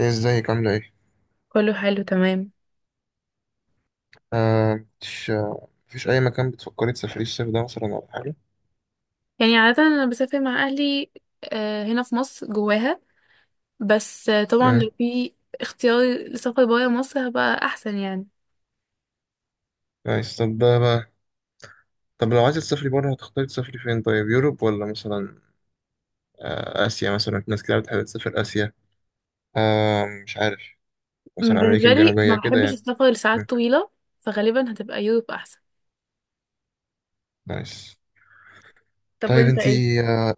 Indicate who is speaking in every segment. Speaker 1: ايه ازيك عاملة ايه؟
Speaker 2: كله حلو تمام.
Speaker 1: آه مش آه مفيش أي مكان بتفكري تسافري الصيف ده مثلا ولا حاجة؟
Speaker 2: يعني عادة أنا بسافر مع أهلي، هنا في مصر جواها. بس طبعا
Speaker 1: مم.
Speaker 2: لو في اختيار لسفر برا مصر هبقى أحسن يعني.
Speaker 1: كويس، طب ده بقى. طب لو عايزة تسافري بره هتختاري تسافري فين طيب؟ يوروب ولا مثلا آسيا؟ مثلا في ناس كتير بتحب تسافر آسيا. آه، مش عارف. مثلا أمريكا
Speaker 2: بالنسبة لي ما
Speaker 1: الجنوبية كده
Speaker 2: بحبش
Speaker 1: يعني.
Speaker 2: السفر لساعات
Speaker 1: مم.
Speaker 2: طويلة، فغالبا هتبقى يوروب أحسن.
Speaker 1: كويس.
Speaker 2: طب
Speaker 1: طيب
Speaker 2: وانت ايه؟
Speaker 1: انتي،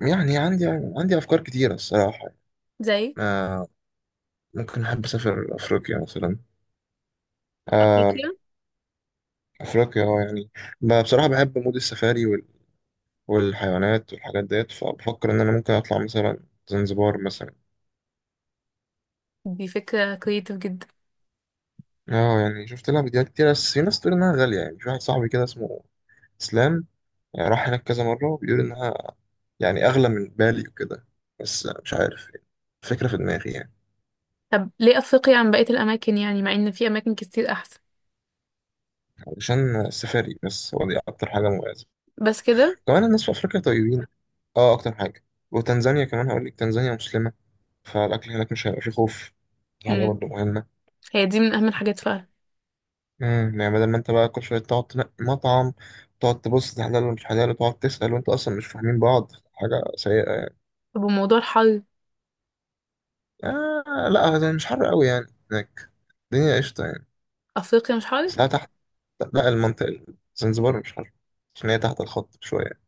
Speaker 1: يعني عندي، عندي أفكار كتيرة الصراحة.
Speaker 2: زي
Speaker 1: آه، ممكن أحب أسافر أفريقيا مثلا. آه،
Speaker 2: أفريقيا؟
Speaker 1: أفريقيا يعني، بصراحة بحب مود السفاري والحيوانات والحاجات ديت، فبفكر إن أنا ممكن أطلع مثلا زنزبار مثلا.
Speaker 2: دي فكرة كريتيف جدا.
Speaker 1: اه يعني شفت لها فيديوهات كتير، بس في ناس تقول إنها غالية. يعني في واحد صاحبي كده اسمه إسلام، يعني راح هناك كذا مرة وبيقول إنها يعني أغلى من بالي وكده. بس مش عارف يعني، فكرة في دماغي يعني.
Speaker 2: طب ليه أفريقيا عن بقية الأماكن يعني مع إن في أماكن كتير أحسن؟
Speaker 1: علشان السفاري، بس هو دي أكتر حاجة مميزة.
Speaker 2: بس كده؟
Speaker 1: كمان الناس في أفريقيا طيبين، اه أكتر حاجة. وتنزانيا كمان هقول لك، تنزانيا مسلمة، فالأكل هناك مش هيبقى فيه خوف، دي حاجة
Speaker 2: مم.
Speaker 1: برضه مهمة.
Speaker 2: هي دي من أهم الحاجات فعلا.
Speaker 1: يعني بدل ما انت بقى كل شويه تقعد تنقي مطعم، تقعد تبص ده حلال ومش حلال، وتقعد تسأل وانت اصلا مش فاهمين بعض، حاجه سيئه يعني.
Speaker 2: طب وموضوع الحر؟
Speaker 1: آه لا، ده مش حر قوي يعني هناك، الدنيا قشطه يعني.
Speaker 2: أفريقيا مش حر؟
Speaker 1: ساعة تحت. لا، المنطقه، زنزبار مش حر عشان هي تحت الخط شويه.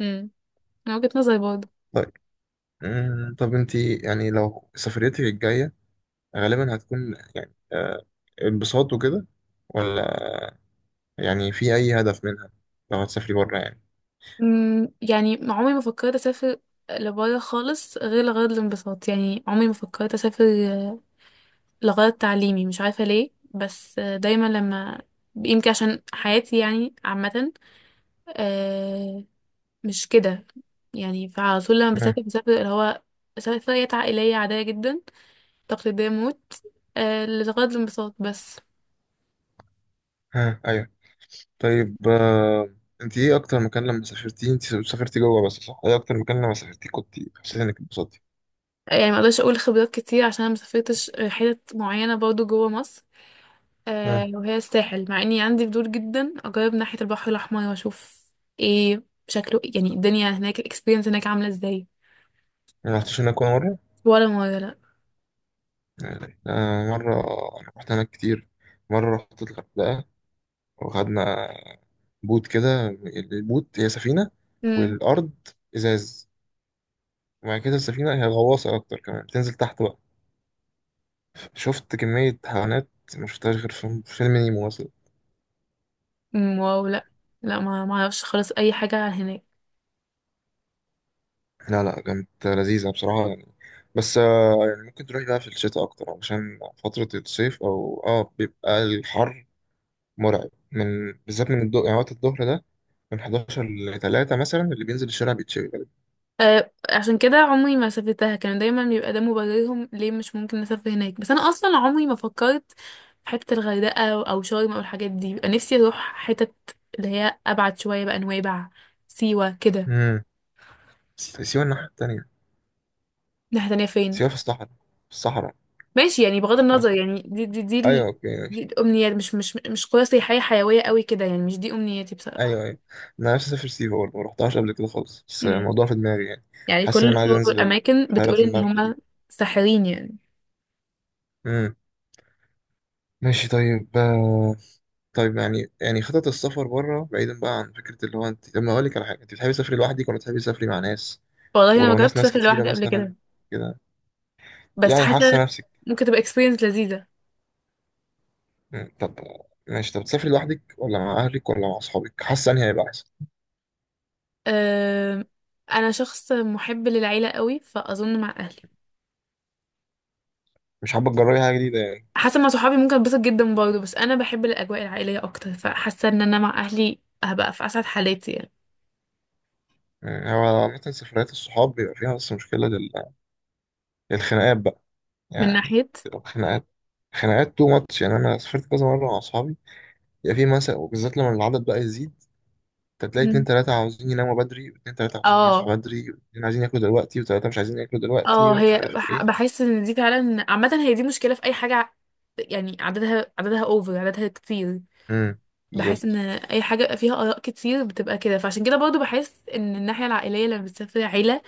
Speaker 2: مم. من وجهة نظري برضه.
Speaker 1: طيب، طب انت يعني لو سفريتك الجايه غالبا هتكون يعني، انبساط وكده، ولا يعني في اي هدف منها لو هتسافري بره يعني؟
Speaker 2: يعني عمري ما فكرت اسافر لبره خالص غير لغرض الانبساط، يعني عمري ما فكرت اسافر آه، لغرض تعليمي. مش عارفه ليه، بس دايما لما، يمكن عشان حياتي يعني عامه، آه، مش كده. يعني فعلى طول لما
Speaker 1: امم
Speaker 2: بسافر بسافر اللي هو سفريات عائليه عاديه جدا، تقليديه موت. لغرض الانبساط بس.
Speaker 1: ها، ايوه. طيب انت ايه اكتر مكان لما سافرتي؟ انت سافرتي جوه بس صح؟ ايه اكتر مكان لما سافرتي كنت حسيت انك اتبسطتي؟
Speaker 2: يعني ما اقدرش اقول خبرات كتير عشان أنا ما سافرتش حتت معينه برضو جوه مصر.
Speaker 1: اه.
Speaker 2: وهي الساحل، مع اني عندي فضول جدا اجرب ناحية البحر الاحمر واشوف ايه شكله، يعني الدنيا هناك الاكسبيرينس هناك عاملة ازاي.
Speaker 1: ما رحتش هناك ولا مره؟
Speaker 2: ولا مرة لا.
Speaker 1: يعني مره انا رحت هناك كتير. مره رحت الغردقه وخدنا بوت كده، البوت هي سفينه
Speaker 2: امم
Speaker 1: والارض ازاز، وبعد كده السفينه هي غواصه اكتر، كمان بتنزل تحت بقى. شفت كميه حيوانات ما شفتهاش غير في في فيلم نيمو مثلا.
Speaker 2: أمم، واو، لا، لا، ما اعرفش خالص اي حاجة عن هناك.
Speaker 1: لا لا، كانت لذيذة بصراحة يعني. بس يعني ممكن تروح بقى في الشتاء أكتر، عشان فترة الصيف أو بيبقى الحر مرعب، من بالذات من الضوء يعني، وقت الظهر ده من 11 ل 3 مثلا اللي بينزل الشارع بيتشوي غالبا.
Speaker 2: عشان كده عمري ما سافرتها، كان دايما بيبقى ده مبررهم ليه مش ممكن نسافر هناك. بس انا اصلا عمري ما فكرت في حتة الغردقة او شرم او الحاجات دي. بيبقى نفسي اروح حتت اللي هي ابعد شوية بقى، نويبع، سيوة كده.
Speaker 1: امم بس سيوة الناحية التانية.
Speaker 2: ناحية تانية فين؟
Speaker 1: سيوة في الصحراء، في الصحراء،
Speaker 2: ماشي، يعني بغض
Speaker 1: مش في
Speaker 2: النظر،
Speaker 1: مصر.
Speaker 2: يعني
Speaker 1: أيوة، أوكي
Speaker 2: دي
Speaker 1: ماشي.
Speaker 2: الأمنيات، مش قرى سياحية حيوية قوي كده، يعني مش دي أمنياتي بصراحة.
Speaker 1: أيوة أيوة، أنا نفسي أسافر سيوة برضه، مرحتهاش قبل كده خالص، بس
Speaker 2: امم
Speaker 1: الموضوع في دماغي يعني.
Speaker 2: يعني
Speaker 1: حاسس إن
Speaker 2: كل
Speaker 1: أنا عايز
Speaker 2: الشغل
Speaker 1: أنزل
Speaker 2: والأماكن
Speaker 1: بحيرة
Speaker 2: بتقول إن
Speaker 1: الملح دي.
Speaker 2: هما ساحرين يعني.
Speaker 1: امم ماشي طيب طيب يعني، يعني خطط السفر بره، بعيدا بقى عن فكرة اللي هو، انت لما اقول لك على حاجة، انت بتحبي تسافري لوحدك ولا بتحبي تسافري مع ناس؟
Speaker 2: والله أنا ما
Speaker 1: ولو ناس،
Speaker 2: جربت
Speaker 1: ناس
Speaker 2: أسافر
Speaker 1: كتيرة
Speaker 2: لوحدي قبل
Speaker 1: مثلا
Speaker 2: كده،
Speaker 1: كده
Speaker 2: بس
Speaker 1: يعني، حاسة
Speaker 2: حاسة
Speaker 1: نفسك؟
Speaker 2: ممكن تبقى experience لذيذة.
Speaker 1: مم، طب ماشي. طب تسافري لوحدك ولا مع اهلك ولا مع اصحابك، حاسة انهي هيبقى احسن؟
Speaker 2: أه... أنا شخص محب للعيلة قوي فأظن مع أهلي.
Speaker 1: مش حابة تجربي حاجة جديدة يعني؟
Speaker 2: حاسة مع صحابي ممكن أتبسط جدا برضه، بس أنا بحب الأجواء العائلية أكتر، فحاسة إن أنا مع أهلي هبقى في أسعد حالاتي يعني.
Speaker 1: مم، هو عامة سفريات الصحاب بيبقى فيها بس مشكلة، للخناقات بقى
Speaker 2: من
Speaker 1: يعني.
Speaker 2: ناحية.
Speaker 1: بتبقى خناقات، خناقات تو ماتش يعني. انا سافرت كذا مرة مع اصحابي، يبقى في مثلا، وبالذات لما العدد بقى يزيد، فتلاقي اتنين
Speaker 2: مم.
Speaker 1: تلاتة عاوزين يناموا بدري، واتنين تلاتة عاوزين
Speaker 2: اه،
Speaker 1: يصحوا بدري، واتنين عايزين ياكلوا دلوقتي، وتلاتة مش عايزين ياكلوا دلوقتي،
Speaker 2: اه،
Speaker 1: مش
Speaker 2: هي
Speaker 1: عارف
Speaker 2: بح-
Speaker 1: ايه.
Speaker 2: بحس ان دي فعلا عامة، هي دي مشكلة في اي حاجة يعني عددها عددها اوفر، عددها كتير.
Speaker 1: امم
Speaker 2: بحس ان
Speaker 1: بالظبط.
Speaker 2: اي حاجه بيبقى فيها اراء كتير بتبقى كده، فعشان كده برضو بحس ان الناحيه العائليه لما بتسافر عيله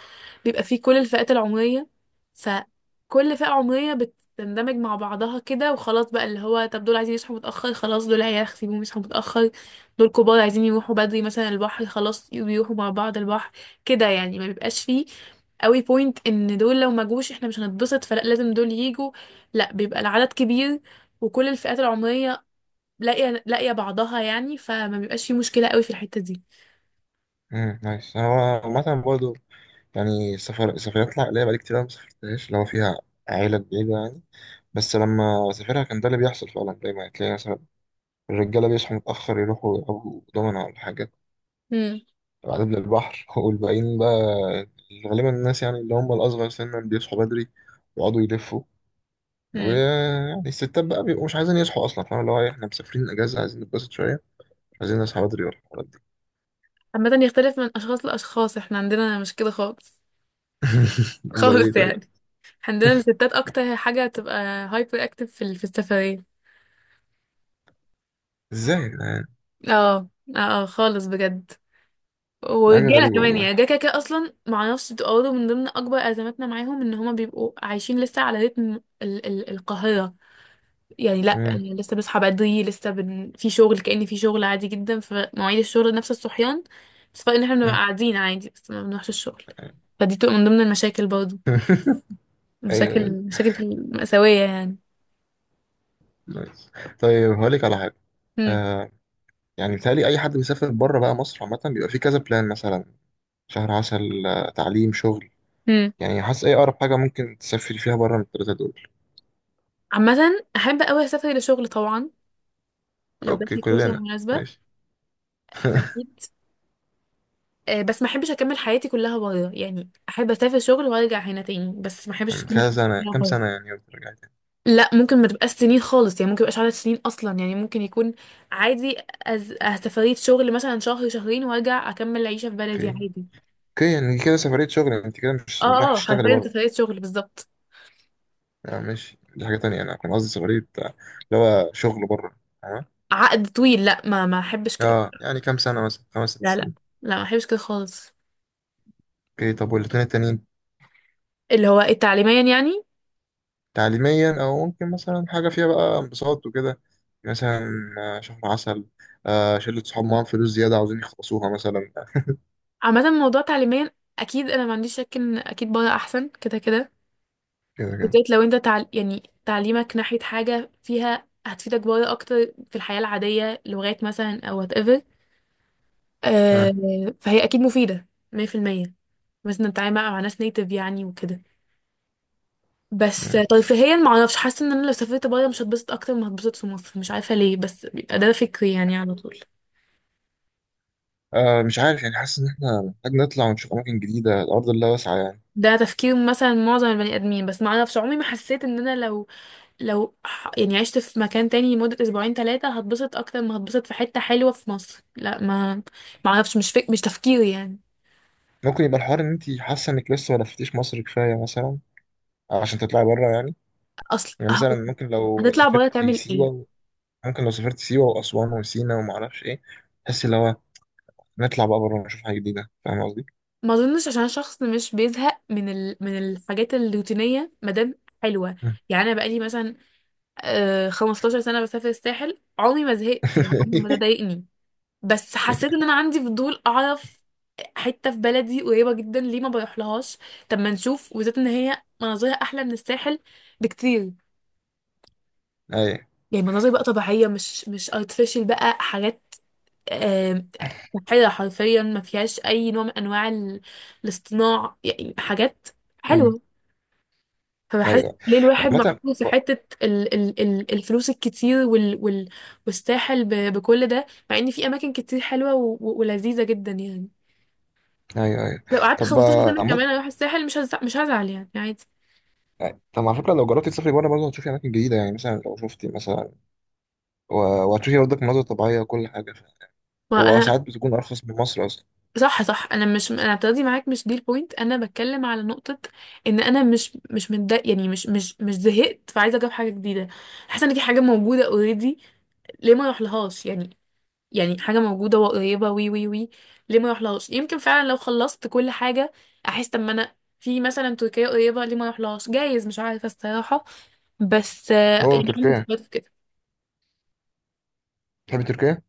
Speaker 2: بيبقى فيه كل الفئات العمريه، فكل فئه عمريه بتندمج مع بعضها كده وخلاص بقى. اللي هو طب دول عايزين يصحوا متاخر خلاص، دول عيال سيبوهم يصحوا متاخر، دول كبار عايزين يروحوا بدري مثلا البحر خلاص بيروحوا مع بعض البحر كده. يعني ما بيبقاش فيه قوي بوينت ان دول لو ما جوش احنا مش هنتبسط، فلا لازم دول يجوا، لا بيبقى العدد كبير وكل الفئات العمرية لاقيه لاقيه بعضها، يعني فما بيبقاش في مشكله قوي في الحته دي.
Speaker 1: نايس. هو عامة برضه يعني، السفر، السفريات العائلية بقالي كتير أوي ما سافرتهاش، اللي هو فيها عيلة بعيدة يعني. بس لما سافرها كان ده اللي بيحصل فعلا، دايما تلاقي مثلا الرجالة بيصحوا متأخر، يروحوا يلعبوا دومنا ولا حاجة،
Speaker 2: مم.
Speaker 1: بعدين للبحر والباقيين بقى غالبا الناس يعني اللي هم الأصغر سنا بيصحوا بدري ويقعدوا يلفوا.
Speaker 2: مم.
Speaker 1: ويعني الستات بقى بيبقوا مش عايزين يصحوا اصلا، فاهم اللي هو إيه، احنا مسافرين اجازه عايزين نتبسط شويه، مش عايزين نصحى بدري ولا الحوارات دي.
Speaker 2: عامه يختلف من اشخاص لاشخاص، احنا عندنا مش كده خالص.
Speaker 1: امال ايه
Speaker 2: خالص
Speaker 1: طيب؟
Speaker 2: يعني. عندنا الستات اكتر حاجه تبقى هايبر اكتف في السفريه.
Speaker 1: ازاي يا جدعان؟
Speaker 2: اه، اه، آه، خالص بجد.
Speaker 1: دي حاجه
Speaker 2: ورجاله
Speaker 1: غريبه
Speaker 2: كمان، يعني
Speaker 1: والله.
Speaker 2: الرجاله كده كده اصلا معرفش، بتبقى برضه من ضمن اكبر ازماتنا معاهم ان هما بيبقوا عايشين لسه على رتم ال القاهره. يعني لا،
Speaker 1: مم.
Speaker 2: يعني لسه بصحى بدري، في شغل، كأن في شغل عادي جدا، فمواعيد الشغل نفس الصحيان، بس فرق ان احنا بنبقى
Speaker 1: مم.
Speaker 2: قاعدين عادي بس ما بنروحش الشغل. فدي بتبقى من ضمن المشاكل برضه،
Speaker 1: ايوه
Speaker 2: مشاكل
Speaker 1: أيوة.
Speaker 2: مشاكل مأساوية يعني.
Speaker 1: نايس. طيب هقول لك على حاجه.
Speaker 2: هم.
Speaker 1: آه يعني بيتهيألي اي حد بيسافر بره بقى مصر عامه بيبقى فيه كذا بلان، مثلا شهر عسل، تعليم، شغل.
Speaker 2: هم.
Speaker 1: يعني حاسس ايه اقرب حاجه ممكن تسافري فيها بره من الثلاثه دول؟
Speaker 2: عامة أحب أوي أسافر لشغل طبعا لو
Speaker 1: اوكي،
Speaker 2: جاتلي فرصة
Speaker 1: كلنا.
Speaker 2: مناسبة.
Speaker 1: ماشي.
Speaker 2: أكيد. بس ما أحبش أكمل حياتي كلها بره، يعني أحب أسافر شغل وأرجع هنا تاني، بس ما أحبش أكمل
Speaker 1: كذا
Speaker 2: حياتي
Speaker 1: سنه،
Speaker 2: كلها
Speaker 1: كام
Speaker 2: بره.
Speaker 1: سنه يعني وترجعي تاني؟
Speaker 2: لا، ممكن ما تبقاش سنين خالص يعني، ممكن يبقاش عدد سنين اصلا، يعني ممكن يكون عادي. أز... أه سفرية شغل مثلا شهر شهرين، وارجع اكمل عيشة في بلدي
Speaker 1: اوكي.
Speaker 2: عادي.
Speaker 1: اوكي، يعني دي كده سفرية شغل، انت كده مش، مش رايح
Speaker 2: اه، اه،
Speaker 1: تشتغلي
Speaker 2: حرفيا
Speaker 1: بره
Speaker 2: سفرية شغل بالظبط.
Speaker 1: يعني؟ ماشي، دي حاجة تانية. انا كان قصدي سفرية، اللي هو شغل بره. اه،
Speaker 2: عقد طويل؟ لا، ما احبش كده.
Speaker 1: يعني كام سنة مثلا، خمس ست
Speaker 2: لا، لا،
Speaker 1: سنين؟
Speaker 2: لا، ما احبش كده خالص.
Speaker 1: اوكي. طب والاتنين التانيين؟
Speaker 2: اللي هو التعليميا يعني.
Speaker 1: تعليميا، او ممكن مثلا حاجة فيها بقى انبساط وكده. مثلا شهر عسل، آه شلة صحاب معاهم فلوس زيادة عاوزين يخلصوها مثلا،
Speaker 2: عامة موضوع تعليميا، اكيد انا ما عنديش شك ان اكيد بره احسن كده كده،
Speaker 1: كده كده.
Speaker 2: بالذات لو انت يعني تعليمك ناحية حاجة فيها هتفيدك بره اكتر في الحياة العادية، لغات مثلا او whatever. آه.
Speaker 1: آه.
Speaker 2: فهي اكيد مفيده 100%، مثلا نتعامل مع ناس نيتف يعني وكده. بس
Speaker 1: آه.
Speaker 2: ترفيهيا ما اعرفش، حاسه ان انا لو سافرت بره مش هتبسط اكتر ما هتبسط في مصر، مش عارفه ليه بس بيبقى ده فكري يعني على طول.
Speaker 1: آه، مش عارف يعني، حاسس ان احنا محتاج نطلع ونشوف اماكن جديدة، الارض لا واسعة يعني.
Speaker 2: ده تفكير مثلا معظم البني ادمين، بس ما اعرفش عمري ما حسيت ان انا لو يعني عشت في مكان تاني لمده اسبوعين ثلاثه هتبسط اكتر ما هتبسط في حته حلوه في مصر، لا. ما اعرفش مش تفكيري يعني.
Speaker 1: ممكن يبقى الحوار ان انت حاسة انك لسه ما لفتيش مصر كفاية مثلا، عشان تطلعي بره يعني.
Speaker 2: اصل
Speaker 1: يعني مثلا
Speaker 2: هتطلع بره تعمل ايه؟
Speaker 1: سيوة ممكن لو سافرت سيوة وأسوان وسينا وما أعرفش إيه، تحس اللي هو نطلع بقى بره نشوف حاجة جديدة، فاهم قصدي؟
Speaker 2: ما اظنش، عشان شخص مش بيزهق من الحاجات الروتينيه ما دام حلوه.
Speaker 1: مم.
Speaker 2: يعني انا بقالي مثلا 15 سنه بسافر الساحل، عمري ما زهقت يعني، عمري ما ده ضايقني. بس حسيت ان انا عندي فضول اعرف حته في بلدي قريبه جدا ليه ما بروح لهاش. طب ما نشوف، وزيت ان هي مناظرها احلى من الساحل بكتير،
Speaker 1: أيوه.
Speaker 2: يعني مناظر بقى طبيعية، مش artificial، بقى حاجات آم، صحية، حرفيا ما فيهاش أي نوع من أنواع الاصطناع، يعني حاجات
Speaker 1: أمم.
Speaker 2: حلوة. فبحس
Speaker 1: أيوه.
Speaker 2: ليه الواحد
Speaker 1: عامة،
Speaker 2: محطوط في حتة ال ال ال الفلوس الكتير والساحل بكل ده، مع إن في أماكن كتير حلوة ولذيذة جدا يعني.
Speaker 1: أيوه أيوه.
Speaker 2: لو قعدت
Speaker 1: طب
Speaker 2: 15 سنة
Speaker 1: عامة،
Speaker 2: كمان أروح الساحل، مش هزعل يعني، عادي.
Speaker 1: طب على فكرة لو جربتي تسافري بره برضه هتشوفي أماكن جديدة يعني، مثلا لو شفتي مثلا، و، وهتشوفي برضك مناظر طبيعية وكل حاجة،
Speaker 2: ما أنا.
Speaker 1: وساعات بتكون أرخص من مصر أصلا.
Speaker 2: صح، صح، انا مش، انا بتاخدي معاك، مش دي البوينت، انا بتكلم على نقطه ان انا مش متضايق يعني، مش زهقت، فعايزه اجرب حاجه جديده، حاسه ان في حاجه موجوده اوريدي، ليه ما اروح لهاش يعني حاجه موجوده وقريبه، وي وي وي ليه ما اروح لهاش. يمكن فعلا لو خلصت كل حاجه احس طب ما انا في مثلا تركيا قريبه، ليه ما اروح لهاش، جايز، مش عارفه الصراحه. بس
Speaker 1: أوه،
Speaker 2: يعني عندي
Speaker 1: تركيا!
Speaker 2: فكرة في كده.
Speaker 1: تحبي تركيا؟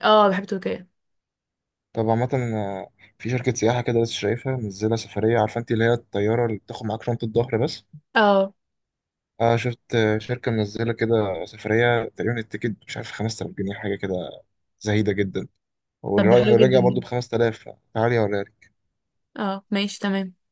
Speaker 2: اه، بحب تركيا.
Speaker 1: طب عامة في شركة سياحة كده لسه شايفها منزلة سفرية، عارفة انت اللي هي الطيارة اللي بتاخد معاك شنطة ظهر بس.
Speaker 2: اه،
Speaker 1: آه، شفت شركة منزلة كده سفرية تقريبا التيكت مش عارف 5000 جنيه حاجة كده، زهيدة جدا.
Speaker 2: طب ده حلو جدا
Speaker 1: والراجع
Speaker 2: ده.
Speaker 1: برضو ب 5000. تعالي ولا
Speaker 2: اه، ماشي تمام.